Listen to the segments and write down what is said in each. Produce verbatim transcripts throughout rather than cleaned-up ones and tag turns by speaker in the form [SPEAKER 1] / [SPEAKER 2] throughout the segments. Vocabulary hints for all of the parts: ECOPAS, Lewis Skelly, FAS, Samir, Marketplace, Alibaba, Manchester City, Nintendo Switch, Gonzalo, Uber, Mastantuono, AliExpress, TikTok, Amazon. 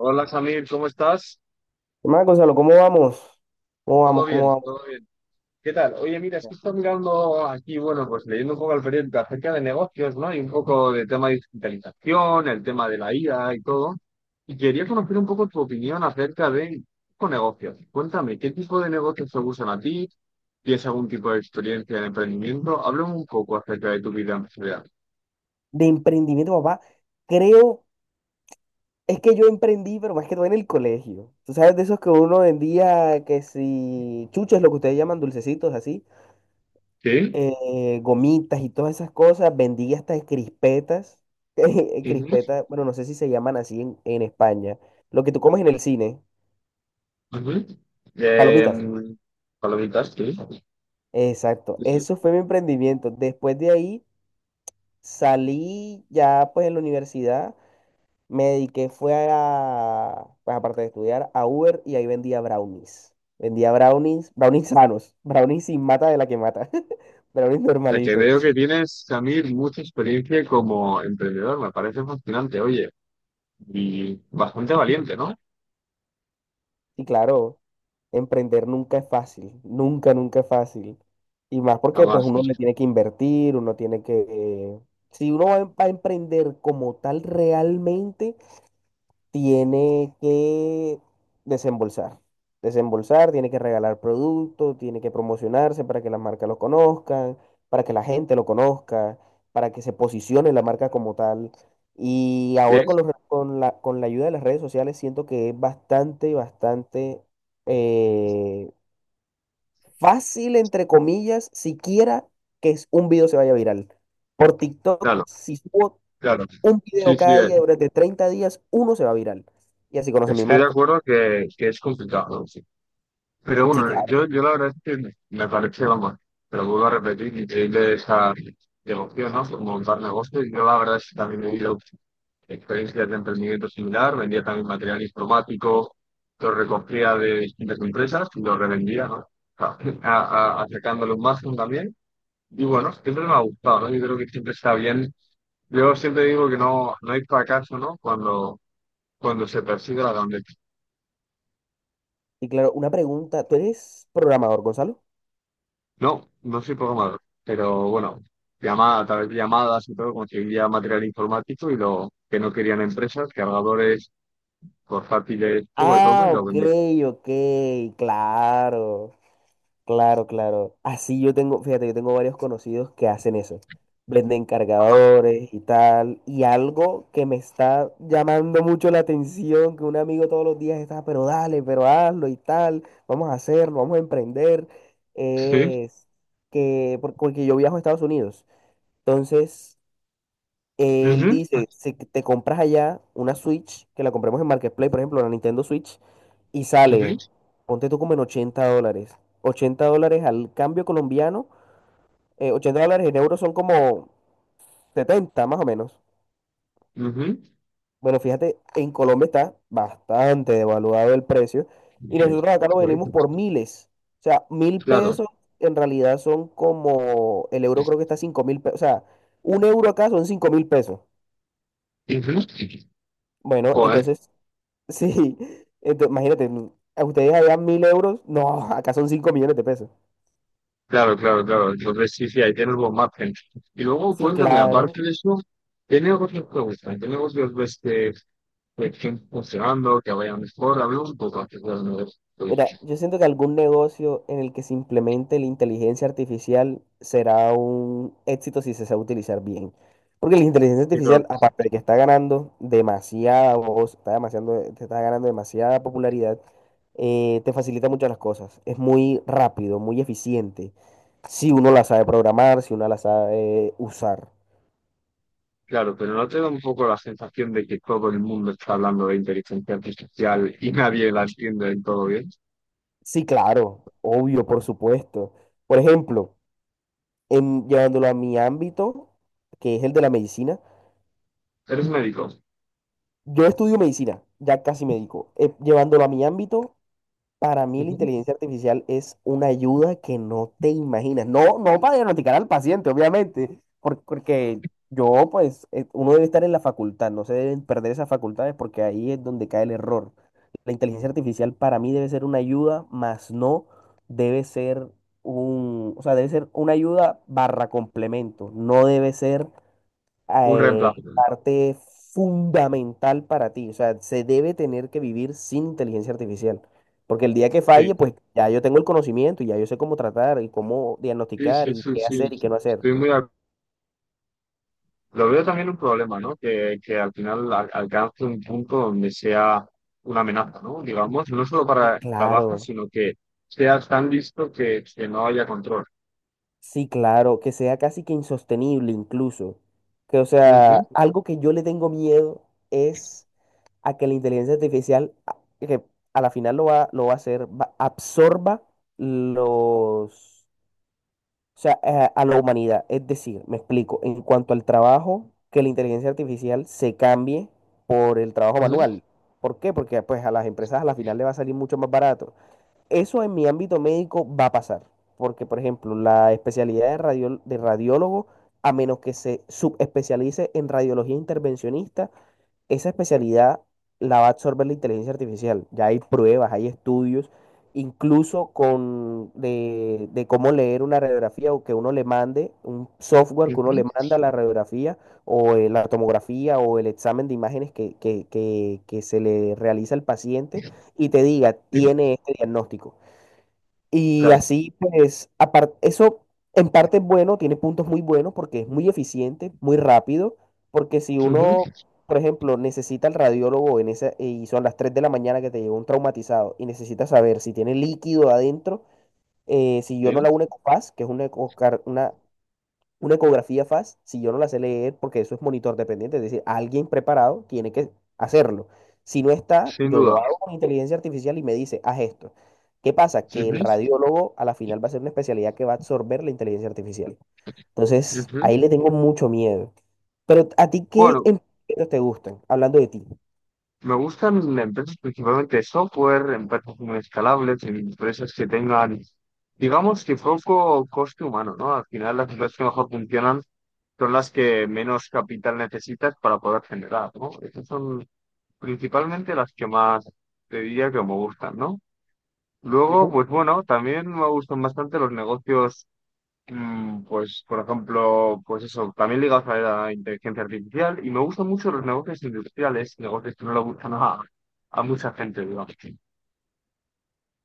[SPEAKER 1] Hola Samir, ¿cómo estás?
[SPEAKER 2] ¿Qué más, Gonzalo? ¿Cómo vamos? ¿Cómo
[SPEAKER 1] Todo
[SPEAKER 2] vamos? ¿Cómo
[SPEAKER 1] bien,
[SPEAKER 2] vamos?
[SPEAKER 1] todo bien. ¿Qué tal? Oye, mira, es que estoy mirando aquí, bueno, pues leyendo un poco al periódico acerca de negocios, ¿no? Y un poco del tema de digitalización, el tema de la I A y todo. Y quería conocer un poco tu opinión acerca de con negocios. Cuéntame, ¿qué tipo de negocios te gustan a ti? ¿Tienes algún tipo de experiencia en emprendimiento? Háblame un poco acerca de tu vida empresarial.
[SPEAKER 2] De emprendimiento, papá. Creo, es que yo emprendí, pero más que todo en el colegio. Tú sabes de esos que uno vendía, que si chuches, lo que ustedes llaman dulcecitos, así,
[SPEAKER 1] ¿Sí?
[SPEAKER 2] eh, gomitas y todas esas cosas. Vendí hasta crispetas. eh,
[SPEAKER 1] Ujú,
[SPEAKER 2] Crispetas, bueno, no sé si se llaman así en, en España. Lo que tú comes en el cine,
[SPEAKER 1] ujú.
[SPEAKER 2] palomitas.
[SPEAKER 1] Em, palomitas,
[SPEAKER 2] Exacto,
[SPEAKER 1] sí.
[SPEAKER 2] eso fue mi emprendimiento. Después de ahí salí ya pues en la universidad. Me dediqué, fue a, pues aparte de estudiar, a Uber y ahí vendía brownies. Vendía brownies, brownies sanos, brownies sin mata de la que mata, brownies
[SPEAKER 1] Sea, que veo
[SPEAKER 2] normalitos.
[SPEAKER 1] que tienes, Samir, mucha experiencia como emprendedor, me parece fascinante, oye, y bastante valiente, ¿no?
[SPEAKER 2] Y claro, emprender nunca es fácil, nunca, nunca es fácil. Y más porque pues
[SPEAKER 1] Además,
[SPEAKER 2] uno le tiene que invertir, uno tiene que, eh, si uno va a em- va a emprender como tal realmente, tiene que desembolsar. Desembolsar, tiene que regalar productos, tiene que promocionarse para que las marcas lo conozcan, para que la gente lo conozca, para que se posicione la marca como tal. Y ahora con,
[SPEAKER 1] sí,
[SPEAKER 2] los re- con la, con la ayuda de las redes sociales siento que es bastante, bastante eh, fácil, entre comillas, siquiera que es- un video se vaya viral. Por TikTok,
[SPEAKER 1] claro,
[SPEAKER 2] si subo
[SPEAKER 1] claro,
[SPEAKER 2] un video
[SPEAKER 1] sí, sí,
[SPEAKER 2] cada
[SPEAKER 1] eh,
[SPEAKER 2] día durante treinta días, uno se va viral. Y así conocen mi
[SPEAKER 1] estoy de
[SPEAKER 2] marca.
[SPEAKER 1] acuerdo que, que es complicado, ¿no? Sí. Pero
[SPEAKER 2] Sí,
[SPEAKER 1] bueno,
[SPEAKER 2] claro.
[SPEAKER 1] yo, yo la verdad es que me parece, vamos, pero vuelvo a repetir, increíble esa devoción, ¿no? Por montar negocios, yo la verdad es que también he ido experiencias de emprendimiento similar, vendía también material informático, lo recogía de distintas empresas y lo revendía, ¿no? A- a- a- acercándole un margen también. Y bueno, siempre me ha gustado, ¿no? Yo creo que siempre está bien. Yo siempre digo que no, no hay fracaso, ¿no? Cuando, cuando se persigue la grandeza.
[SPEAKER 2] Y claro, una pregunta. ¿Tú eres programador, Gonzalo?
[SPEAKER 1] No, no soy programador, pero bueno, llamada, a través de llamadas y todo, conseguía material informático y lo que no querían empresas, cargadores, portátiles, poco de todo
[SPEAKER 2] Ah,
[SPEAKER 1] y lo
[SPEAKER 2] ok,
[SPEAKER 1] vendía.
[SPEAKER 2] ok, claro. Claro, claro. Así yo tengo, fíjate, yo tengo varios conocidos que hacen eso. Venden
[SPEAKER 1] Ajá.
[SPEAKER 2] cargadores y tal. Y algo que me está llamando mucho la atención, que un amigo todos los días está, pero dale, pero hazlo y tal. Vamos a hacerlo, vamos a emprender.
[SPEAKER 1] Sí.
[SPEAKER 2] Es que, por- porque yo viajo a Estados Unidos. Entonces, él
[SPEAKER 1] Ujú.
[SPEAKER 2] dice, si te compras allá una Switch, que la compremos en Marketplace, por ejemplo, la Nintendo Switch, y sale,
[SPEAKER 1] Ujú,
[SPEAKER 2] ponte tú como en ochenta dólares. Ochenta dólares al cambio colombiano, eh, ochenta dólares en euros son como setenta más o menos.
[SPEAKER 1] ujú.
[SPEAKER 2] Bueno, fíjate, en Colombia está bastante devaluado el precio y nosotros acá lo venimos por miles. O sea, mil
[SPEAKER 1] Claro.
[SPEAKER 2] pesos en realidad son como, el euro creo que está cinco mil pesos, o sea, un euro acá son cinco mil pesos.
[SPEAKER 1] Ujú.
[SPEAKER 2] Bueno,
[SPEAKER 1] Joder,
[SPEAKER 2] entonces sí, entonces, imagínate, a ustedes allá mil euros, no, acá son cinco millones de pesos.
[SPEAKER 1] claro, claro, claro. Entonces sí, sí, ahí tienes buen margen. Y luego
[SPEAKER 2] Sí,
[SPEAKER 1] cuéntame,
[SPEAKER 2] claro.
[SPEAKER 1] aparte de eso, ¿qué negocios te gustan? ¿Qué negocios ves que, que estén funcionando, que vayan mejor? Hablemos un poco acerca de los
[SPEAKER 2] Mira,
[SPEAKER 1] negocios.
[SPEAKER 2] yo siento que algún negocio en el que se implemente la inteligencia artificial será un éxito si se sabe utilizar bien. Porque la inteligencia
[SPEAKER 1] Pero,
[SPEAKER 2] artificial, aparte de que está ganando demasiada voz, está demasiado, te está ganando demasiada popularidad, eh, te facilita muchas las cosas. Es muy rápido, muy eficiente. Si uno la sabe programar, si uno la sabe eh, usar.
[SPEAKER 1] claro, pero ¿no te da un poco la sensación de que todo el mundo está hablando de inteligencia artificial y nadie la entiende del todo bien?
[SPEAKER 2] Sí, claro, obvio, por supuesto. Por ejemplo, en, llevándolo a mi ámbito, que es el de la medicina,
[SPEAKER 1] ¿Eres médico?
[SPEAKER 2] yo estudio medicina, ya casi médico. Eh, llevándolo a mi ámbito, para mí la
[SPEAKER 1] Ujú.
[SPEAKER 2] inteligencia artificial es una ayuda que no te imaginas. No, no para diagnosticar al paciente, obviamente, por- porque yo, pues, eh, uno debe estar en la facultad, no se deben perder esas facultades porque ahí es donde cae el error. La inteligencia artificial para mí debe ser una ayuda, más no debe ser un, o sea, debe ser una ayuda barra complemento. No debe ser
[SPEAKER 1] Un
[SPEAKER 2] eh,
[SPEAKER 1] reemplazo.
[SPEAKER 2] parte fundamental para ti. O sea, se debe tener que vivir sin inteligencia artificial. Porque el día que
[SPEAKER 1] Sí,
[SPEAKER 2] falle, pues ya yo tengo el conocimiento y ya yo sé cómo tratar y cómo
[SPEAKER 1] sí,
[SPEAKER 2] diagnosticar
[SPEAKER 1] sí,
[SPEAKER 2] y
[SPEAKER 1] sí,
[SPEAKER 2] qué hacer y
[SPEAKER 1] sí.
[SPEAKER 2] qué no hacer.
[SPEAKER 1] Estoy muy. Lo veo también un problema, ¿no? Que, que al final al- alcance un punto donde sea una amenaza, ¿no? Digamos, no solo
[SPEAKER 2] Sí,
[SPEAKER 1] para trabajo,
[SPEAKER 2] claro,
[SPEAKER 1] sino que sea tan visto que, que no haya control.
[SPEAKER 2] sí, claro, que sea casi que insostenible incluso. Que, o
[SPEAKER 1] Ujú,
[SPEAKER 2] sea, algo que yo le tengo miedo es a que la inteligencia artificial, a- que a la final lo va, lo va a hacer, va- absorba los. O sea, a, a la humanidad. Es decir, me explico, en cuanto al trabajo, que la inteligencia artificial se cambie por el trabajo
[SPEAKER 1] ujú,
[SPEAKER 2] manual. ¿Por qué? Porque pues a las empresas a la final le va a salir mucho más barato. Eso en mi ámbito médico va a pasar, porque por ejemplo, la especialidad de, radiol- de radiólogo, a menos que se subespecialice en radiología intervencionista, esa especialidad la va a absorber la inteligencia artificial. Ya hay pruebas, hay estudios, incluso con de, de cómo leer una radiografía o que uno le mande, un software que
[SPEAKER 1] ujú,
[SPEAKER 2] uno le manda la radiografía o eh, la tomografía o el examen de imágenes que, que, que, que se le realiza al paciente y te diga,
[SPEAKER 1] sí,
[SPEAKER 2] tiene este diagnóstico. Y
[SPEAKER 1] claro.
[SPEAKER 2] así, pues, aparte, eso en parte es bueno, tiene puntos muy buenos porque es muy eficiente, muy rápido, porque si uno,
[SPEAKER 1] Ujú,
[SPEAKER 2] por ejemplo, necesita el radiólogo en esa, y son las tres de la mañana que te llegó un traumatizado y necesita saber si tiene líquido adentro, eh, si yo
[SPEAKER 1] sí,
[SPEAKER 2] no la una ECOPAS, que es una, ecocar- una una ecografía F A S, si yo no la sé leer, porque eso es monitor dependiente, es decir, alguien preparado tiene que hacerlo. Si no está,
[SPEAKER 1] sin
[SPEAKER 2] yo
[SPEAKER 1] duda.
[SPEAKER 2] lo hago con inteligencia artificial y me dice, haz esto. ¿Qué pasa?
[SPEAKER 1] Ujú,
[SPEAKER 2] Que el radiólogo a la final va a ser una especialidad que va a absorber la inteligencia artificial. Entonces,
[SPEAKER 1] ujú.
[SPEAKER 2] ahí le tengo mucho miedo. Pero a ti, ¿qué
[SPEAKER 1] Bueno,
[SPEAKER 2] emprendimientos te gustan? Hablando de ti.
[SPEAKER 1] me gustan las empresas principalmente de software, empresas muy escalables, empresas que tengan, digamos que poco coste humano, ¿no? Al final las empresas que mejor funcionan son las que menos capital necesitas para poder generar, ¿no? Esas son principalmente las que más te diría que me gustan, ¿no? Luego,
[SPEAKER 2] Ujú.
[SPEAKER 1] pues bueno, también me gustan bastante los negocios. Mm, Pues, por ejemplo, pues eso, también ligados a la inteligencia artificial y me gustan mucho los negocios industriales, negocios que no le gustan a, a mucha gente, digamos.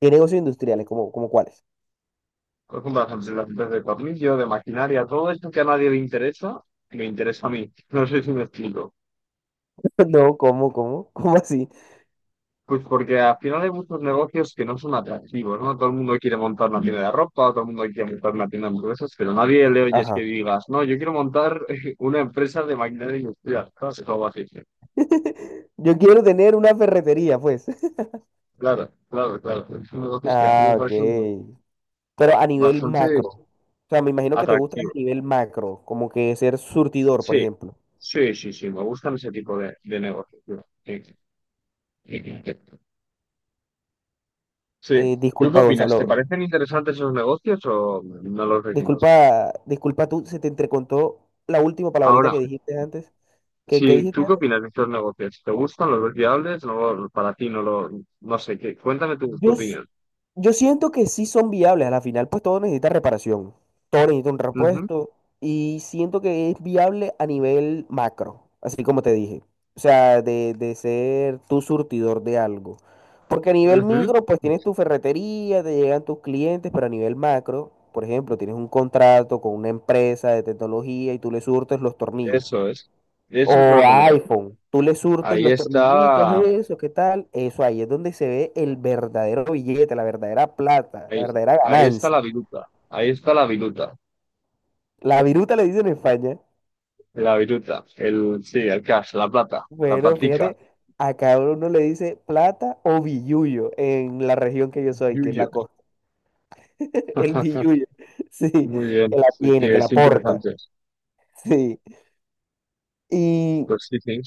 [SPEAKER 2] ¿Qué negocios industriales? ¿Cómo, cómo cuáles?
[SPEAKER 1] Por ejemplo, las empresas las empresas de tornillo, de maquinaria, todo esto que a nadie le interesa, me interesa a mí. No sé si me explico.
[SPEAKER 2] No, ¿cómo, cómo? ¿Cómo así?
[SPEAKER 1] Pues porque al final hay muchos negocios que no son atractivos, ¿no? Todo el mundo quiere montar una tienda de ropa, todo el mundo quiere montar una tienda de hamburguesas, pero nadie le oyes que
[SPEAKER 2] Ajá.
[SPEAKER 1] digas, no, yo quiero montar una empresa de maquinaria industrial, ¿sabes? O algo así.
[SPEAKER 2] Yo quiero tener una ferretería, pues.
[SPEAKER 1] Claro, claro, claro. Es un negocio que a mí me
[SPEAKER 2] Ah, ok.
[SPEAKER 1] parece un-
[SPEAKER 2] Pero a nivel
[SPEAKER 1] bastante
[SPEAKER 2] macro. O sea, me imagino que te gusta a
[SPEAKER 1] atractivo.
[SPEAKER 2] nivel macro, como que ser surtidor, por
[SPEAKER 1] Sí,
[SPEAKER 2] ejemplo.
[SPEAKER 1] sí, sí, sí. Me gustan ese tipo de, de negocios, tío. Sí. Sí.
[SPEAKER 2] Eh,
[SPEAKER 1] ¿Tú qué
[SPEAKER 2] disculpa,
[SPEAKER 1] opinas? ¿Te
[SPEAKER 2] Gonzalo.
[SPEAKER 1] parecen interesantes esos negocios o no los ves?
[SPEAKER 2] Disculpa, disculpa tú, se te entrecontó la última palabrita
[SPEAKER 1] Ahora,
[SPEAKER 2] que dijiste antes. ¿Qué, qué
[SPEAKER 1] si
[SPEAKER 2] dijiste
[SPEAKER 1] tú qué
[SPEAKER 2] antes?
[SPEAKER 1] opinas de estos negocios, ¿te gustan? ¿Los ves viables? No, para ti no lo, no sé qué. Cuéntame tu, tu
[SPEAKER 2] Yo, s-
[SPEAKER 1] opinión.
[SPEAKER 2] Yo siento que sí son viables. A la final, pues todo necesita reparación. Todo necesita un repuesto. Y siento que es viable a nivel macro, así como te dije. O sea, de, de ser tu surtidor de algo. Porque a nivel
[SPEAKER 1] Ujú, ujú.
[SPEAKER 2] micro, pues tienes tu ferretería, te llegan tus clientes, pero a nivel macro, por ejemplo, tienes un contrato con una empresa de tecnología y tú le surtes los tornillos.
[SPEAKER 1] Eso es.
[SPEAKER 2] O
[SPEAKER 1] Eso es a lo que me
[SPEAKER 2] a
[SPEAKER 1] refiero.
[SPEAKER 2] iPhone, tú le surtes
[SPEAKER 1] Ahí
[SPEAKER 2] los tornillitos,
[SPEAKER 1] está,
[SPEAKER 2] eso, ¿qué tal? Eso ahí es donde se ve el verdadero billete, la verdadera plata, la
[SPEAKER 1] ahí,
[SPEAKER 2] verdadera
[SPEAKER 1] ahí está
[SPEAKER 2] ganancia.
[SPEAKER 1] la viruta. Ahí está la viruta.
[SPEAKER 2] La viruta le dicen en España.
[SPEAKER 1] La viruta, el, sí, el cash, la plata, la
[SPEAKER 2] Bueno,
[SPEAKER 1] patica,
[SPEAKER 2] fíjate, a cada uno le dice plata o billuyo en la región que yo soy, que es
[SPEAKER 1] yuyo.
[SPEAKER 2] la costa. El billuyo, sí,
[SPEAKER 1] Muy
[SPEAKER 2] que
[SPEAKER 1] bien,
[SPEAKER 2] la
[SPEAKER 1] sí, sí,
[SPEAKER 2] tiene, que
[SPEAKER 1] es
[SPEAKER 2] la porta,
[SPEAKER 1] interesante.
[SPEAKER 2] sí. Y,
[SPEAKER 1] Pues sí, sí,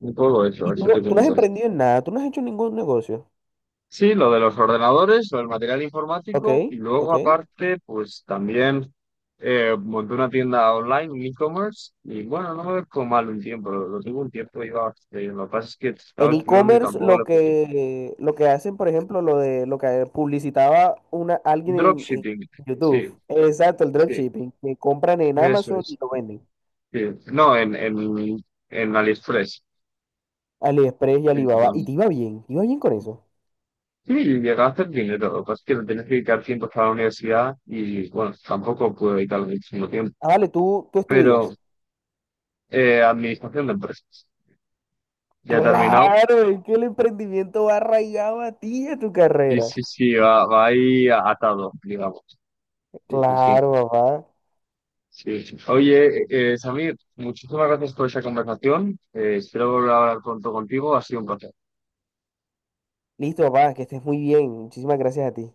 [SPEAKER 1] un poco eso,
[SPEAKER 2] y tú,
[SPEAKER 1] eso
[SPEAKER 2] no,
[SPEAKER 1] te
[SPEAKER 2] tú no has
[SPEAKER 1] cuento.
[SPEAKER 2] emprendido en nada, tú no has hecho ningún negocio,
[SPEAKER 1] Sí, lo de los ordenadores, lo del material
[SPEAKER 2] ¿ok?
[SPEAKER 1] informático y luego
[SPEAKER 2] ¿Ok?
[SPEAKER 1] aparte, pues también eh, monté una tienda online, un e-commerce y bueno, no me ve como mal un tiempo, lo, lo tuve un tiempo y iba bastante bien. Lo que pasa es que
[SPEAKER 2] En
[SPEAKER 1] estaba estudiando y
[SPEAKER 2] e-commerce
[SPEAKER 1] tampoco le
[SPEAKER 2] lo
[SPEAKER 1] podía.
[SPEAKER 2] que, lo que hacen, por ejemplo, lo de lo que publicitaba una, alguien en, en
[SPEAKER 1] Dropshipping,
[SPEAKER 2] YouTube.
[SPEAKER 1] sí,
[SPEAKER 2] Exacto, el
[SPEAKER 1] sí,
[SPEAKER 2] dropshipping, que compran en
[SPEAKER 1] eso
[SPEAKER 2] Amazon y
[SPEAKER 1] es.
[SPEAKER 2] lo venden.
[SPEAKER 1] Sí. No, en, en, en AliExpress.
[SPEAKER 2] AliExpress y Alibaba. Y
[SPEAKER 1] Principalmente.
[SPEAKER 2] te iba bien, te iba bien con eso.
[SPEAKER 1] Sí, y gastaste el dinero. Lo que pasa es que lo tienes que dedicar tiempo para la universidad y, bueno, tampoco pude dedicarle muchísimo tiempo.
[SPEAKER 2] Ah, vale, tú, tú
[SPEAKER 1] Pero
[SPEAKER 2] estudias.
[SPEAKER 1] eh, administración de empresas. Ya he terminado.
[SPEAKER 2] Claro, es que el emprendimiento va arraigado a ti y a tu
[SPEAKER 1] Sí,
[SPEAKER 2] carrera.
[SPEAKER 1] sí, sí, va, va ahí atado, digamos. Sí, sí,
[SPEAKER 2] Claro,
[SPEAKER 1] sí.
[SPEAKER 2] papá.
[SPEAKER 1] Sí. Oye, eh, Samir, muchísimas gracias por esa conversación. Eh, espero volver a hablar pronto contigo. Ha sido un placer.
[SPEAKER 2] Listo, papá, que estés muy bien. Muchísimas gracias a ti.